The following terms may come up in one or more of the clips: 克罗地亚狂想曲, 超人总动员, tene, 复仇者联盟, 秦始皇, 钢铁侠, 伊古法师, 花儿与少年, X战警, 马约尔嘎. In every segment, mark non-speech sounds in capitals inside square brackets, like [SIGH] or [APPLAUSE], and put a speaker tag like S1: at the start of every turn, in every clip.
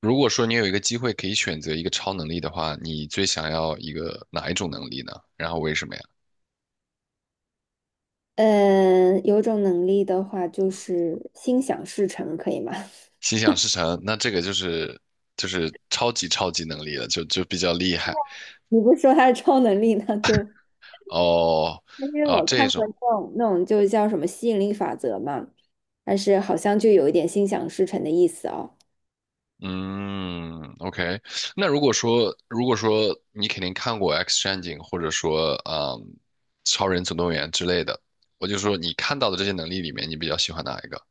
S1: 如果说你有一个机会可以选择一个超能力的话，你最想要一个哪一种能力呢？然后为什么呀？
S2: 嗯，有种能力的话，就是心想事成，可以吗？[LAUGHS]
S1: 心想事成，那这个就是就是超级能力了，就比较厉害。
S2: 你不是说它是超能力，那就
S1: 哦，
S2: 因为
S1: 哦
S2: 我
S1: 这
S2: 看过
S1: 种，
S2: 那种就叫什么吸引力法则嘛，但是好像就有一点心想事成的意思哦。
S1: 嗯，OK。那如果说你肯定看过《X 战警》或者说《超人总动员》之类的，我就说你看到的这些能力里面，你比较喜欢哪一个？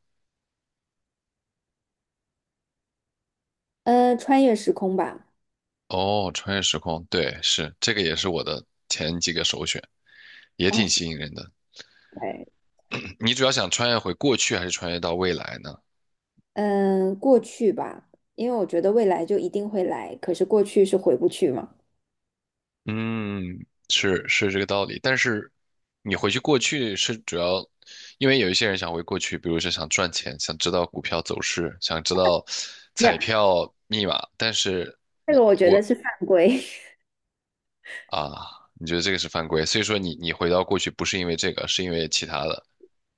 S2: 穿越时空吧。
S1: 哦，穿越时空，对，是这个也是我的前几个首选。也
S2: 哇
S1: 挺
S2: 塞。
S1: 吸引人的。嗯，你主要想穿越回过去，还是穿越到未来呢？
S2: 嗯，过去吧，因为我觉得未来就一定会来，可是过去是回不去嘛。
S1: 嗯，是是这个道理。但是你回去过去是主要，因为有一些人想回过去，比如说想赚钱，想知道股票走势，想知道彩
S2: [LAUGHS]
S1: 票密码，但是
S2: 没有，这个我觉得是犯规。
S1: 啊，你觉得这个是犯规，所以说你回到过去不是因为这个，是因为其他的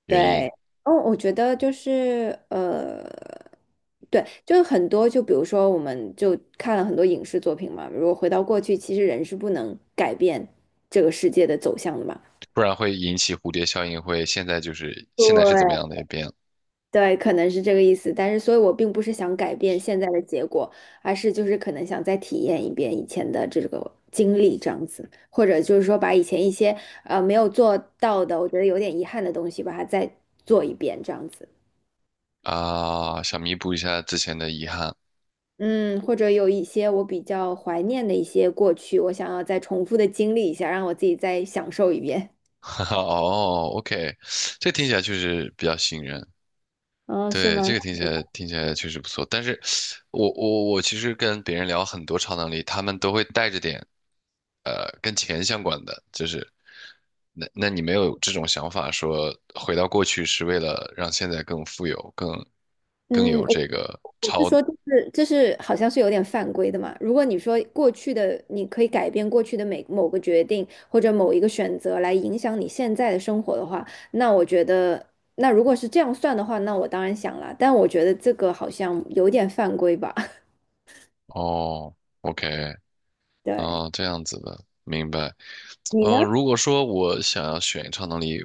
S1: 原
S2: 对。
S1: 因，
S2: 哦，我觉得就是。对，就是很多，就比如说，我们就看了很多影视作品嘛。如果回到过去，其实人是不能改变这个世界的走向的嘛。
S1: 不然会引起蝴蝶效应，会现在就是现在是怎么
S2: 对。
S1: 样的也变了。
S2: 对，可能是这个意思。但是，所以我并不是想改变现在的结果，而是就是可能想再体验一遍以前的这个经历，这样子，或者就是说把以前一些没有做到的，我觉得有点遗憾的东西，把它再做一遍，这样子。
S1: 啊，想弥补一下之前的遗憾。
S2: 嗯，或者有一些我比较怀念的一些过去，我想要再重复的经历一下，让我自己再享受一遍。
S1: [LAUGHS] 哦，OK,这听起来确实比较吸引人。
S2: 嗯，是
S1: 对，
S2: 吗？
S1: 这个听起
S2: [LAUGHS]
S1: 来听起来确实不错。但是我其实跟别人聊很多超能力，他们都会带着点跟钱相关的，就是那你没有这种想法，说回到过去是为了让现在更富有，更更
S2: 嗯，
S1: 有
S2: 我
S1: 这个。
S2: 我是说，就是好像是有点犯规的嘛。如果你说过去的，你可以改变过去的每某个决定或者某一个选择来影响你现在的生活的话，那我觉得，那如果是这样算的话，那我当然想了。但我觉得这个好像有点犯规吧。[LAUGHS]
S1: 哦，OK,
S2: 对。
S1: 哦这样子的，明白。
S2: 你
S1: 嗯，
S2: 呢？
S1: 如果说我想要选超能力，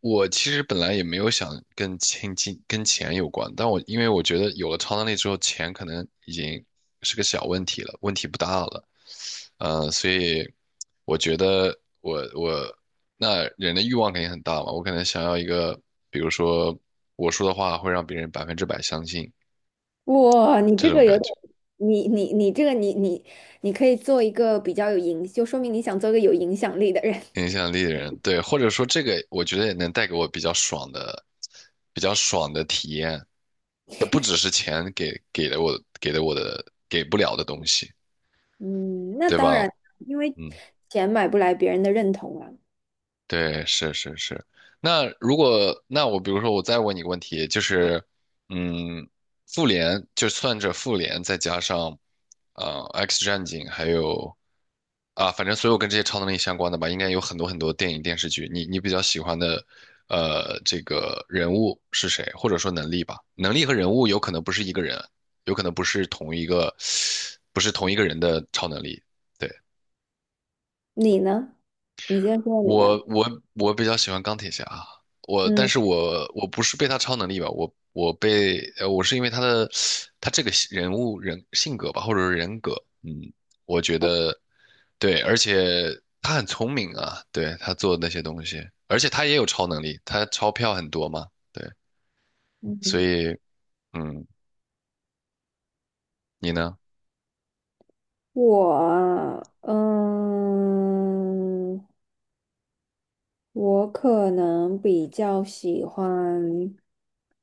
S1: 我其实本来也没有想跟钱有关，但我因为我觉得有了超能力之后，钱可能已经是个小问题了，问题不大了。嗯，所以我觉得那人的欲望肯定很大嘛，我可能想要一个，比如说我说的话会让别人100%相信
S2: 哇，你
S1: 这
S2: 这
S1: 种
S2: 个有
S1: 感
S2: 点，
S1: 觉。
S2: 你你可以做一个比较有影，就说明你想做一个有影响力的人。[LAUGHS]
S1: 影响力的人，对，或者说这个，我觉得也能带给我比较爽的、比较爽的体验。不只是钱给不了的东西，
S2: 嗯，那
S1: 对
S2: 当
S1: 吧？
S2: 然，因为
S1: 嗯，
S2: 钱买不来别人的认同啊。
S1: 对，是是是。那如果那我比如说我再问你个问题，就是，嗯，复联就算着复联再加上，，X 战警还有啊，反正所有跟这些超能力相关的吧，应该有很多很多电影电视剧。你你比较喜欢的，这个人物是谁，或者说能力吧？能力和人物有可能不是一个人，有可能不是同一个，不是同一个人的超能力。对。
S2: 你呢？你先说你
S1: 我
S2: 吧。
S1: 我我比较喜欢钢铁侠，我但
S2: 嗯
S1: 是我我不是被他超能力吧，我是因为他的他这个人物性格吧，或者是人格，嗯，我觉得对，而且他很聪明啊，对他做的那些东西，而且他也有超能力，他钞票很多嘛，对，所
S2: 嗯，
S1: 以嗯，你呢？
S2: 我啊嗯，我可能比较喜欢。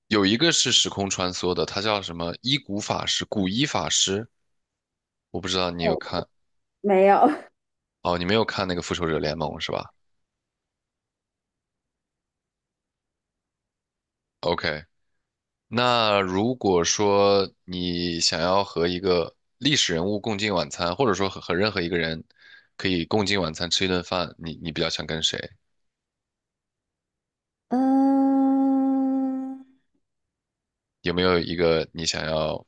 S1: 有一个是时空穿梭的，他叫什么伊古法师，古伊法师，我不知道你有
S2: 哦，
S1: 看。
S2: 没有。
S1: 哦，你没有看那个复仇者联盟是吧？OK,那如果说你想要和一个历史人物共进晚餐，或者说和任何一个人可以共进晚餐吃一顿饭，你你比较想跟谁？
S2: [LAUGHS] 嗯
S1: 有没有一个你想要，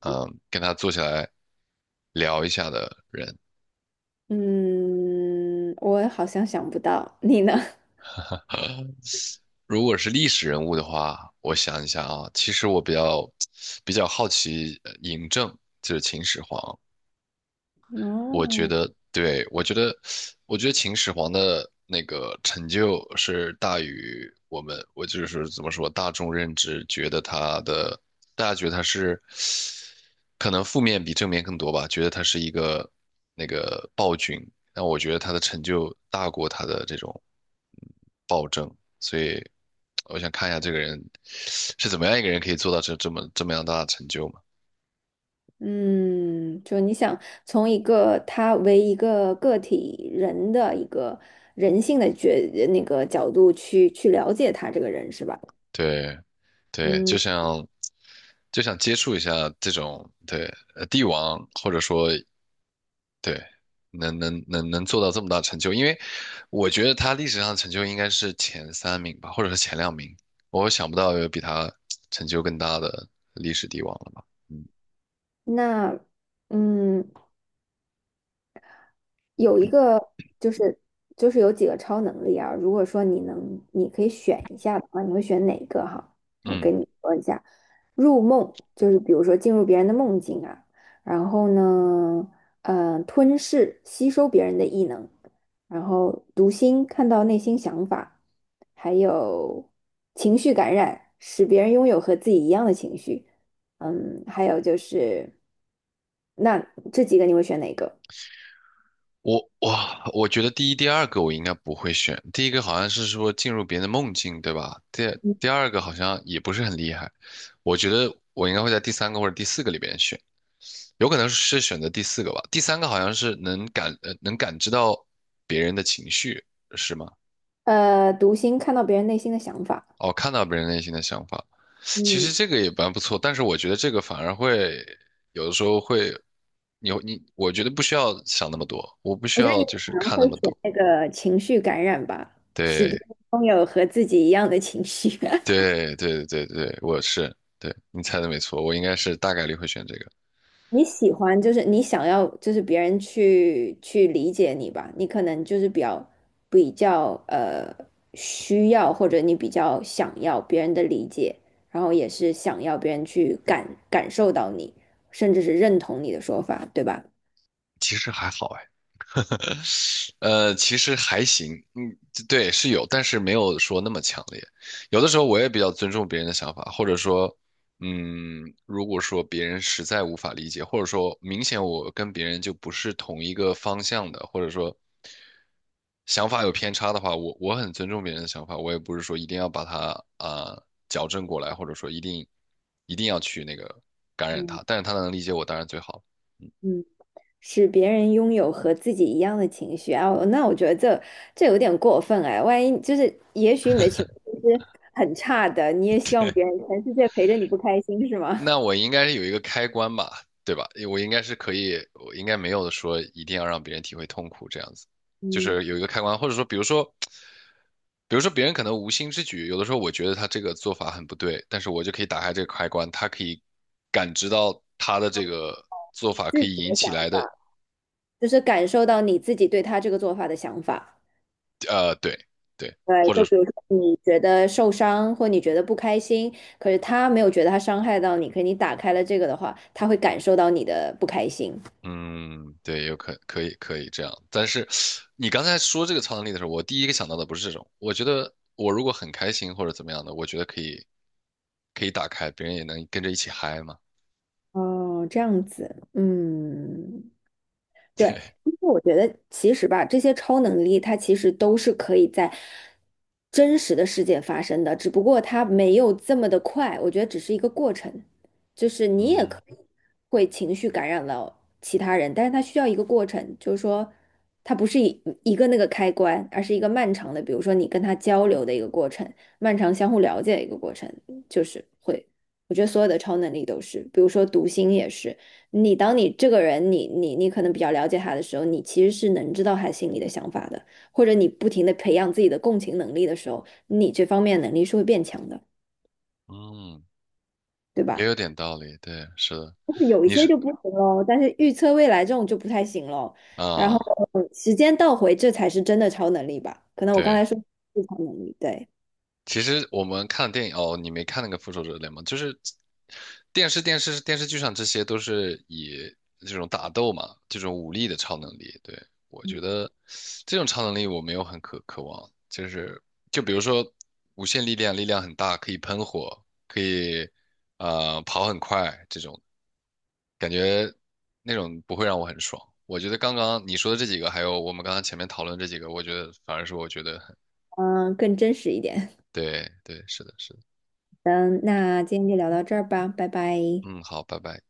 S1: 嗯，跟他坐下来聊一下的人？
S2: 嗯，我好像想不到，你呢？
S1: 如果是历史人物的话，我想一下啊，其实我比较 [TSK] 比较好奇嬴政，就是秦始皇。我觉
S2: 哦。
S1: 得，对，我觉得，我觉得秦始皇的那个成就是大于我们，我就是怎么说，大众认知觉得他的，大家觉得他是，可能负面比正面更多吧，觉得他是一个那个暴君，但我觉得他的成就大过他的这种暴政，所以我想看一下这个人是怎么样一个人可以做到这么样大的成就嘛。
S2: 嗯，就你想从一个他为一个个体人的一个人性的那个角度去了解他这个人是吧？
S1: 对，对，就
S2: 嗯。
S1: 想就想接触一下这种对帝王，或者说对能做到这么大成就，因为我觉得他历史上的成就应该是前三名吧，或者是前两名，我想不到有比他成就更大的历史帝王了吧。嗯
S2: 那嗯，有一个就是就是有几个超能力啊，如果说你能，你可以选一下的话，你会选哪个哈？我
S1: 嗯，
S2: 跟你说一下，入梦就是比如说进入别人的梦境啊，然后呢，呃，吞噬吸收别人的异能，然后读心看到内心想法，还有情绪感染，使别人拥有和自己一样的情绪，嗯，还有就是，那这几个你会选哪个？
S1: 我哇，我觉得第一、第二个我应该不会选，第一个好像是说进入别人的梦境，对吧？第二个好像也不是很厉害，我觉得我应该会在第三个或者第四个里边选。有可能是选择第四个吧，第三个好像是能感知到别人的情绪，是吗？
S2: 呃，读心看到别人内心的想法。
S1: 哦，看到别人内心的想法，其实
S2: 嗯，
S1: 这个也蛮不错，但是我觉得这个反而会有的时候会，你我觉得不需要想那么多，我不需
S2: 我觉得
S1: 要
S2: 你
S1: 就是
S2: 可能
S1: 看那
S2: 会
S1: 么
S2: 选
S1: 多，
S2: 那个情绪感染吧，使别
S1: 对
S2: 人拥有和自己一样的情绪。[LAUGHS]
S1: 对对对对，我是，对，你猜的没错，我应该是大概率会选这个，
S2: 你喜欢就是你想要就是别人去理解你吧，你可能就是比较需要或者你比较想要别人的理解，然后也是想要别人去感受到你，甚至是认同你的说法，对吧？
S1: 其实还好哎。[LAUGHS] 其实还行，嗯，对，是有，但是没有说那么强烈。有的时候我也比较尊重别人的想法，或者说，嗯，如果说别人实在无法理解，或者说明显我跟别人就不是同一个方向的，或者说想法有偏差的话，我很尊重别人的想法，我也不是说一定要把它啊、矫正过来，或者说一定要去那个感染他，但是他能理解我，当然最好。
S2: 使别人拥有和自己一样的情绪啊，那我觉得这有点过分哎。万一就是，也许你的情绪是很差的，你也希望别
S1: [LAUGHS]
S2: 人全世界陪着你不开心是吗？
S1: 那
S2: [LAUGHS]
S1: 我应该是有一个开关吧，对吧？我应该是可以，我应该没有说一定要让别人体会痛苦这样子，就
S2: 嗯，
S1: 是有一个开关，或者说，比如说，比如说别人可能无心之举，有的时候我觉得他这个做法很不对，但是我就可以打开这个开关，他可以感知到他的这个做
S2: 你
S1: 法
S2: 自
S1: 可以
S2: 己的
S1: 引
S2: 想
S1: 起来的，
S2: 法，就是感受到你自己对他这个做法的想法。
S1: 对对，
S2: 对，
S1: 或者
S2: 就比如说你觉得受伤或你觉得不开心，可是他没有觉得他伤害到你，可是你打开了这个的话，他会感受到你的不开心。
S1: 嗯，对，可以可以这样，但是你刚才说这个超能力的时候，我第一个想到的不是这种。我觉得我如果很开心或者怎么样的，我觉得可以可以打开，别人也能跟着一起嗨嘛。
S2: 哦，这样子，嗯。
S1: [LAUGHS]
S2: 对，
S1: 对，
S2: 因为我觉得其实吧，这些超能力它其实都是可以在真实的世界发生的，只不过它没有这么的快，我觉得只是一个过程，就是你也
S1: 嗯
S2: 可以会情绪感染到其他人，但是它需要一个过程，就是说它不是一个那个开关，而是一个漫长的，比如说你跟他交流的一个过程，漫长相互了解的一个过程，就是会，我觉得所有的超能力都是，比如说读心也是。你当你这个人，你可能比较了解他的时候，你其实是能知道他心里的想法的，或者你不停的培养自己的共情能力的时候，你这方面能力是会变强的，
S1: 嗯，
S2: 对
S1: 也
S2: 吧？
S1: 有点道理。对，是的，
S2: 但是有一
S1: 你
S2: 些
S1: 是
S2: 就不行喽，但是预测未来这种就不太行喽。然后
S1: 啊，
S2: 时间倒回，这才是真的超能力吧？可能我刚
S1: 对。
S2: 才说是超能力，对，
S1: 其实我们看电影哦，你没看那个《复仇者联盟》，就是电视、电视、电视剧上这些都是以这种打斗嘛，这种武力的超能力。对，我觉得这种超能力我没有很渴望，就是就比如说无限力量，力量很大，可以喷火，可以跑很快，这种感觉那种不会让我很爽。我觉得刚刚你说的这几个，还有我们刚刚前面讨论这几个，我觉得反而是我觉得很
S2: 嗯，更真实一点。
S1: 对对，是的，是的，
S2: [LAUGHS] 嗯，那今天就聊到这儿吧，拜拜。
S1: 嗯，好，拜拜。